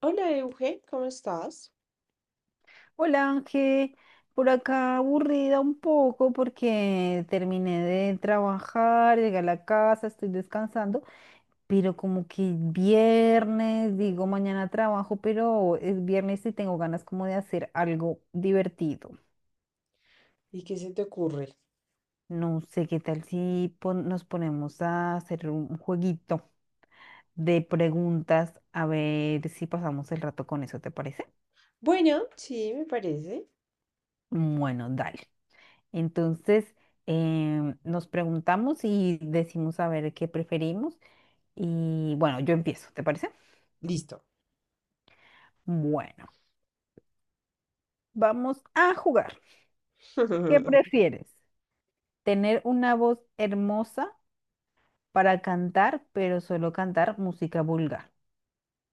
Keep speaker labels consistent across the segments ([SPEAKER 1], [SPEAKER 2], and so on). [SPEAKER 1] Hola Euge, ¿cómo estás?
[SPEAKER 2] Hola Ángel, por acá aburrida un poco porque terminé de trabajar, llegué a la casa, estoy descansando, pero como que viernes, digo mañana trabajo, pero es viernes y tengo ganas como de hacer algo divertido.
[SPEAKER 1] ¿Y qué se te ocurre?
[SPEAKER 2] No sé qué tal si nos ponemos a hacer un jueguito de preguntas, a ver si pasamos el rato con eso, ¿te parece?
[SPEAKER 1] Bueno, sí, me parece.
[SPEAKER 2] Bueno, dale. Entonces, nos preguntamos y decimos a ver qué preferimos. Y bueno, yo empiezo, ¿te parece?
[SPEAKER 1] Listo.
[SPEAKER 2] Bueno, vamos a jugar. ¿Qué prefieres? ¿Tener una voz hermosa para cantar, pero solo cantar música vulgar?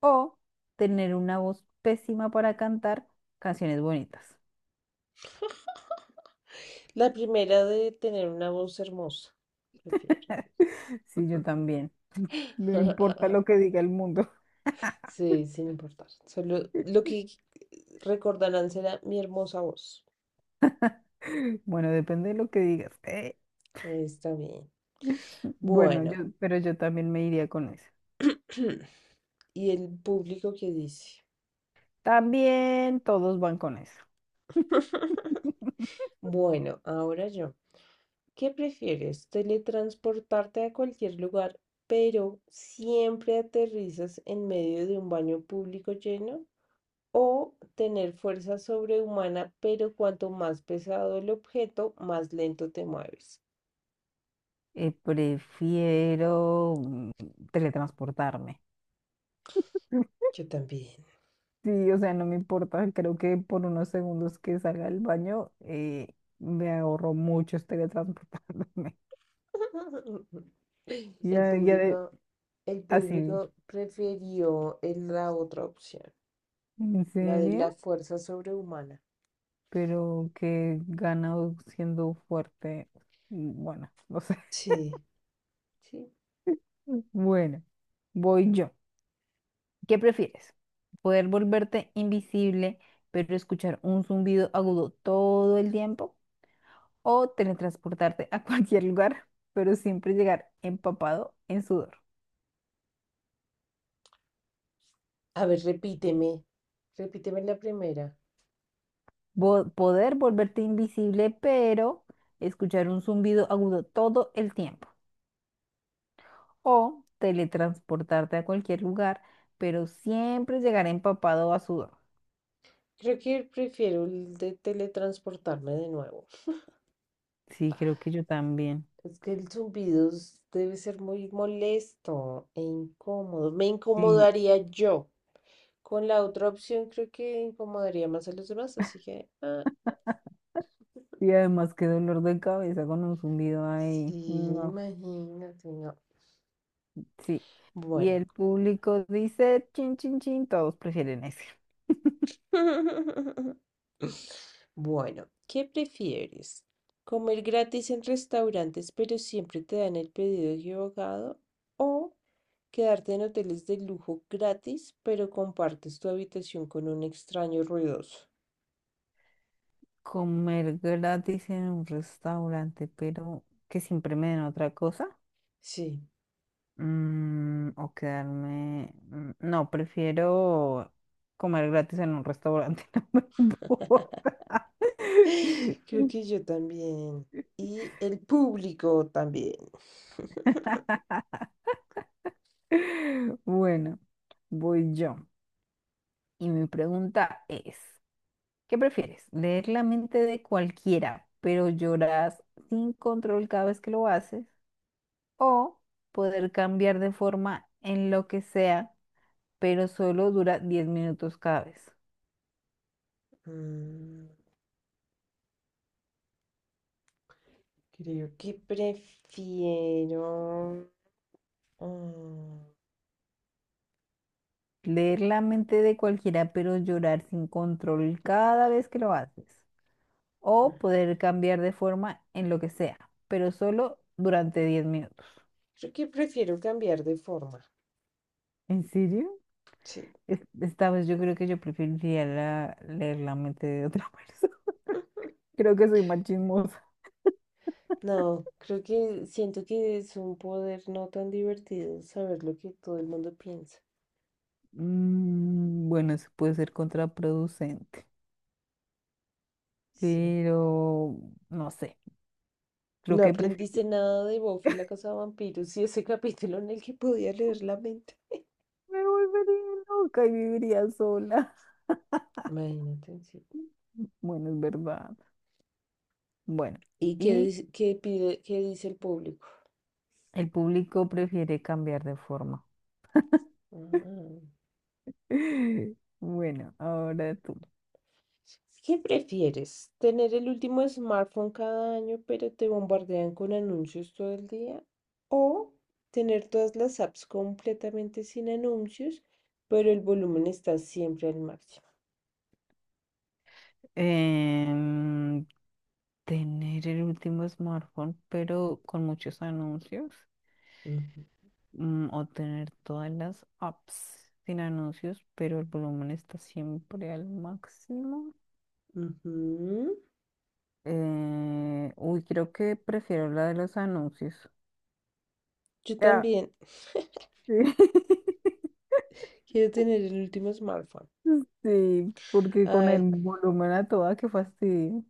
[SPEAKER 2] ¿O tener una voz pésima para cantar canciones bonitas?
[SPEAKER 1] La primera de tener una voz hermosa, prefiero.
[SPEAKER 2] Sí, yo también. No importa lo que diga el mundo.
[SPEAKER 1] Sí, sin importar. Solo lo que recordarán será mi hermosa voz.
[SPEAKER 2] Bueno, depende de lo que digas.
[SPEAKER 1] Ahí está bien.
[SPEAKER 2] Bueno, yo,
[SPEAKER 1] Bueno,
[SPEAKER 2] pero yo también me iría con eso.
[SPEAKER 1] ¿y el público qué dice?
[SPEAKER 2] También todos van con eso.
[SPEAKER 1] Bueno, ahora yo. ¿Qué prefieres? ¿Teletransportarte a cualquier lugar, pero siempre aterrizas en medio de un baño público lleno? ¿O tener fuerza sobrehumana, pero cuanto más pesado el objeto, más lento te mueves?
[SPEAKER 2] Prefiero teletransportarme.
[SPEAKER 1] Yo también.
[SPEAKER 2] Sí, o sea, no me importa. Creo que por unos segundos que salga del baño, me ahorro mucho teletransportándome.
[SPEAKER 1] El
[SPEAKER 2] Ya, ya,
[SPEAKER 1] público, el
[SPEAKER 2] así.
[SPEAKER 1] público prefirió la otra opción,
[SPEAKER 2] ¿En
[SPEAKER 1] la de la
[SPEAKER 2] serio?
[SPEAKER 1] fuerza sobrehumana.
[SPEAKER 2] Pero que ganado siendo fuerte. Bueno, no sé.
[SPEAKER 1] Sí. Sí.
[SPEAKER 2] Bueno, voy yo. ¿Qué prefieres? ¿Poder volverte invisible, pero escuchar un zumbido agudo todo el tiempo? ¿O teletransportarte a cualquier lugar, pero siempre llegar empapado en sudor?
[SPEAKER 1] A ver, repíteme, repíteme la primera.
[SPEAKER 2] Poder volverte invisible, pero escuchar un zumbido agudo todo el tiempo. ¿O teletransportarte a cualquier lugar, pero siempre llegar empapado a sudor?
[SPEAKER 1] Creo que prefiero el de teletransportarme de nuevo.
[SPEAKER 2] Sí, creo que yo también.
[SPEAKER 1] Es que debe ser muy molesto e incómodo. Me
[SPEAKER 2] Sí.
[SPEAKER 1] incomodaría yo. Con la otra opción creo que incomodaría más a los demás, así que... ah,
[SPEAKER 2] Y además, qué dolor de cabeza con un zumbido
[SPEAKER 1] sí,
[SPEAKER 2] ahí. No.
[SPEAKER 1] imagínate, no.
[SPEAKER 2] Sí. Y
[SPEAKER 1] Bueno.
[SPEAKER 2] el público dice, chin, chin, chin, todos prefieren ese.
[SPEAKER 1] Bueno, ¿qué prefieres? ¿Comer gratis en restaurantes pero siempre te dan el pedido equivocado? ¿O quedarte en hoteles de lujo gratis, pero compartes tu habitación con un extraño ruidoso?
[SPEAKER 2] Comer gratis en un restaurante, pero que siempre me den otra cosa.
[SPEAKER 1] Sí,
[SPEAKER 2] O quedarme... No, prefiero comer gratis en un restaurante, no me importa.
[SPEAKER 1] creo que yo también. Y el público también.
[SPEAKER 2] Bueno, voy yo. Y mi pregunta es... ¿Qué prefieres? ¿Leer la mente de cualquiera, pero lloras sin control cada vez que lo haces? ¿O poder cambiar de forma en lo que sea, pero solo dura 10 minutos cada vez?
[SPEAKER 1] Mm, Creo que prefiero... mm,
[SPEAKER 2] Leer la mente de cualquiera, pero llorar sin control cada vez que lo haces. O poder cambiar de forma en lo que sea, pero solo durante 10 minutos.
[SPEAKER 1] creo que prefiero cambiar de forma.
[SPEAKER 2] ¿En serio?
[SPEAKER 1] Sí.
[SPEAKER 2] Esta vez yo creo que yo preferiría leer la mente de otra persona. Creo que soy machismo.
[SPEAKER 1] No, creo que siento que es un poder no tan divertido saber lo que todo el mundo piensa.
[SPEAKER 2] Bueno, eso puede ser contraproducente,
[SPEAKER 1] Sí.
[SPEAKER 2] pero no sé, creo
[SPEAKER 1] No
[SPEAKER 2] que
[SPEAKER 1] aprendiste
[SPEAKER 2] prefiero.
[SPEAKER 1] nada de Buffy la casa de vampiros y ese capítulo en el que podía leer la mente.
[SPEAKER 2] Me volvería loca y viviría sola.
[SPEAKER 1] Imagínate, sí.
[SPEAKER 2] Bueno, es verdad. Bueno,
[SPEAKER 1] ¿Y qué
[SPEAKER 2] y
[SPEAKER 1] qué qué dice el público?
[SPEAKER 2] el público prefiere cambiar de forma.
[SPEAKER 1] Ah.
[SPEAKER 2] Bueno, ahora tú.
[SPEAKER 1] ¿Qué prefieres? ¿Tener el último smartphone cada año, pero te bombardean con anuncios todo el día? ¿O tener todas las apps completamente sin anuncios, pero el volumen está siempre al máximo?
[SPEAKER 2] Em, Tener el último smartphone, pero con muchos anuncios.
[SPEAKER 1] Ujú,
[SPEAKER 2] O tener todas las apps sin anuncios, pero el volumen está siempre al máximo.
[SPEAKER 1] ujú.
[SPEAKER 2] Uy, creo que prefiero la de los anuncios.
[SPEAKER 1] Yo
[SPEAKER 2] Ah,
[SPEAKER 1] también
[SPEAKER 2] sí.
[SPEAKER 1] quiero tener el último smartphone.
[SPEAKER 2] Sí, porque con el
[SPEAKER 1] Ay,
[SPEAKER 2] volumen a toda, qué fastidio.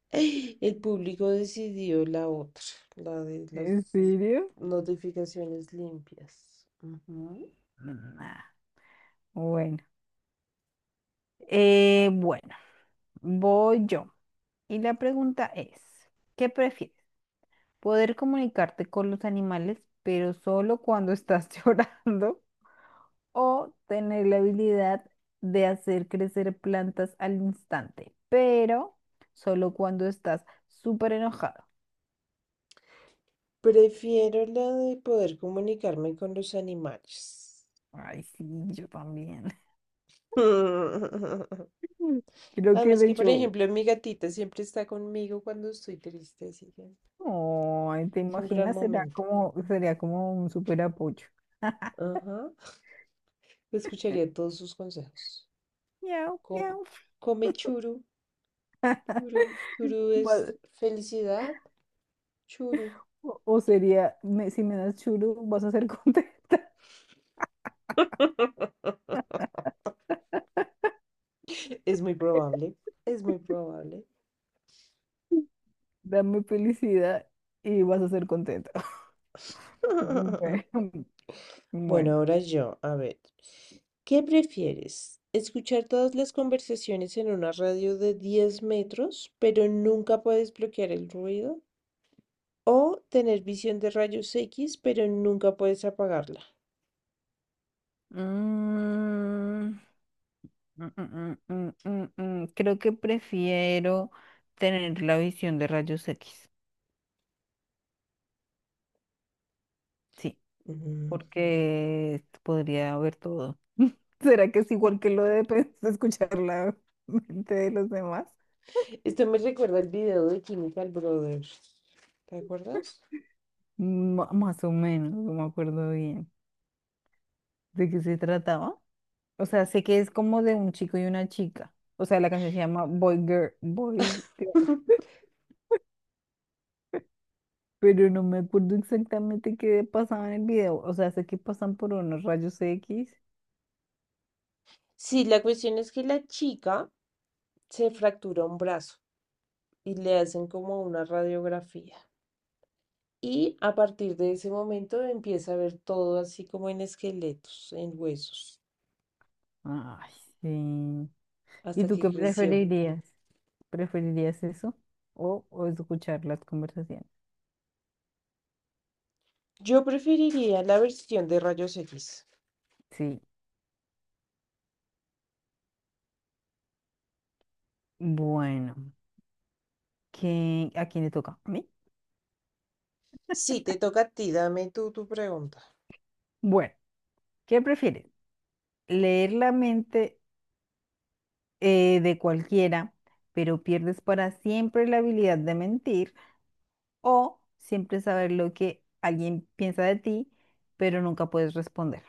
[SPEAKER 1] el público decidió la otra, la de las
[SPEAKER 2] ¿En serio?
[SPEAKER 1] notificaciones limpias. Ujú.
[SPEAKER 2] Nah, bueno. Bueno, voy yo. Y la pregunta es, ¿qué prefieres? ¿Poder comunicarte con los animales, pero solo cuando estás llorando? ¿O tener la habilidad de hacer crecer plantas al instante, pero solo cuando estás súper enojado?
[SPEAKER 1] Prefiero lo de poder comunicarme con los animales.
[SPEAKER 2] Ay, sí, yo también. Creo que
[SPEAKER 1] Además
[SPEAKER 2] de
[SPEAKER 1] que, por
[SPEAKER 2] hecho,
[SPEAKER 1] ejemplo, mi gatita siempre está conmigo cuando estoy triste, así que
[SPEAKER 2] ay, ¿te
[SPEAKER 1] es un gran
[SPEAKER 2] imaginas? Será
[SPEAKER 1] momento.
[SPEAKER 2] como, sería como un súper apoyo.
[SPEAKER 1] Ajá. Escucharía todos sus consejos.
[SPEAKER 2] Miau,
[SPEAKER 1] Com-
[SPEAKER 2] miau.
[SPEAKER 1] Come churu, churu, churu es
[SPEAKER 2] Va-
[SPEAKER 1] felicidad, churu.
[SPEAKER 2] o sería, si me das churu, vas a ser contento.
[SPEAKER 1] Es muy probable, es muy probable.
[SPEAKER 2] Dame felicidad y vas a ser contento. Bueno.
[SPEAKER 1] Bueno,
[SPEAKER 2] Bueno.
[SPEAKER 1] ahora yo, a ver, ¿qué prefieres? ¿Escuchar todas las conversaciones en una radio de 10 metros, pero nunca puedes bloquear el ruido? ¿O tener visión de rayos X, pero nunca puedes apagarla?
[SPEAKER 2] Mm, mm. Creo que prefiero tener la visión de rayos X, sí,
[SPEAKER 1] Mm,
[SPEAKER 2] porque podría ver todo. ¿Será que es igual que lo de de escuchar la mente de los demás?
[SPEAKER 1] Esto me recuerda el video de Chemical Brothers. ¿Te acuerdas?
[SPEAKER 2] Más o menos, no me acuerdo bien. ¿De qué se trataba? O sea, sé que es como de un chico y una chica. O sea, la canción se llama Boy Girl, Boy Girl, pero no me acuerdo exactamente qué pasaba en el video. O sea, sé que pasan por unos rayos X.
[SPEAKER 1] Sí, la cuestión es que la chica se fractura un brazo y le hacen como una radiografía. Y a partir de ese momento empieza a ver todo así como en esqueletos, en huesos,
[SPEAKER 2] Ay, sí. ¿Y
[SPEAKER 1] hasta
[SPEAKER 2] tú
[SPEAKER 1] que
[SPEAKER 2] qué
[SPEAKER 1] creció.
[SPEAKER 2] preferirías? ¿Preferirías eso o escuchar las conversaciones?
[SPEAKER 1] Yo preferiría la versión de rayos X.
[SPEAKER 2] Sí. Bueno, a quién le toca? ¿A mí?
[SPEAKER 1] Sí, te toca a ti, dame tú tu pregunta.
[SPEAKER 2] Bueno, ¿qué prefieres? ¿Leer la mente de cualquiera, pero pierdes para siempre la habilidad de mentir? ¿O siempre saber lo que alguien piensa de ti, pero nunca puedes responder?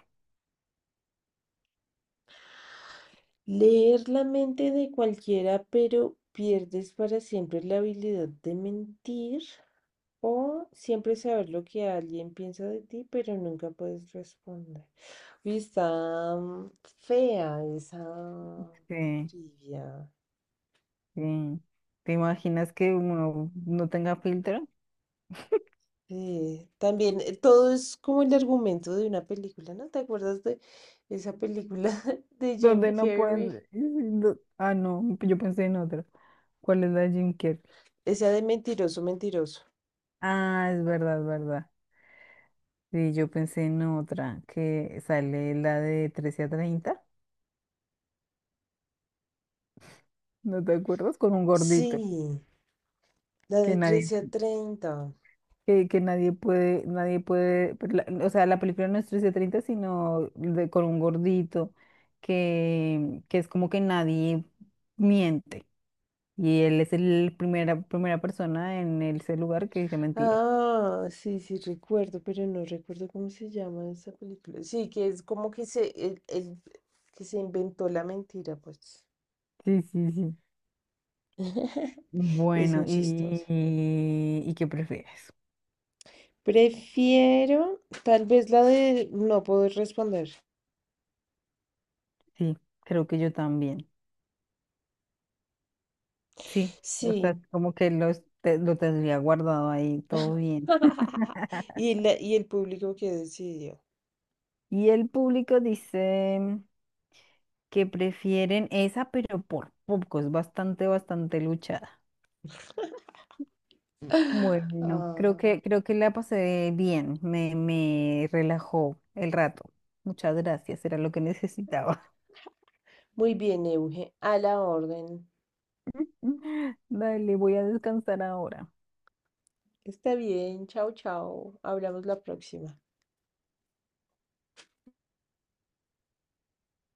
[SPEAKER 1] Leer la mente de cualquiera, pero pierdes para siempre la habilidad de mentir, o siempre saber lo que alguien piensa de ti, pero nunca puedes responder. Uy, está fea esa
[SPEAKER 2] Sí,
[SPEAKER 1] trivia.
[SPEAKER 2] sí. ¿Te imaginas que uno no tenga filtro?
[SPEAKER 1] Sí, también todo es como el argumento de una película, ¿no? ¿Te acuerdas de esa película de Jim
[SPEAKER 2] Donde no
[SPEAKER 1] Carrey?
[SPEAKER 2] pueden... Ah, no, yo pensé en otro. ¿Cuál es la de Jim Carrey?
[SPEAKER 1] Esa de Mentiroso, Mentiroso.
[SPEAKER 2] Ah, es verdad, es verdad. Sí, yo pensé en otra, que sale la de 13 a 30. ¿No te acuerdas? Con un gordito,
[SPEAKER 1] Sí, la de
[SPEAKER 2] que nadie,
[SPEAKER 1] 13 a 30.
[SPEAKER 2] que nadie puede, nadie puede, pero o sea, la película no es 13 a 30, sino con un gordito, que es como que nadie miente, y él es el primera persona en ese lugar que dice mentira.
[SPEAKER 1] Ah, sí, sí, recuerdo, pero no recuerdo cómo se llama esa película. Sí, que es como que que se inventó la mentira, pues.
[SPEAKER 2] Sí, sí, sí.
[SPEAKER 1] Es
[SPEAKER 2] Bueno,
[SPEAKER 1] muy chistosa.
[SPEAKER 2] ¿y qué prefieres?
[SPEAKER 1] Prefiero, tal vez la de no poder responder.
[SPEAKER 2] Sí, creo que yo también. Sí, o sea,
[SPEAKER 1] Sí.
[SPEAKER 2] como que lo tendría guardado ahí, todo bien.
[SPEAKER 1] Y y el público que decidió.
[SPEAKER 2] Y el público dice que prefieren esa, pero por poco, es bastante, bastante luchada. Bueno, creo
[SPEAKER 1] Ah,
[SPEAKER 2] que, creo que la pasé bien, me relajó el rato. Muchas gracias, era lo que necesitaba.
[SPEAKER 1] muy bien, Euge, a la orden.
[SPEAKER 2] Dale, voy a descansar ahora.
[SPEAKER 1] Está bien, chao, chao. Hablamos la próxima.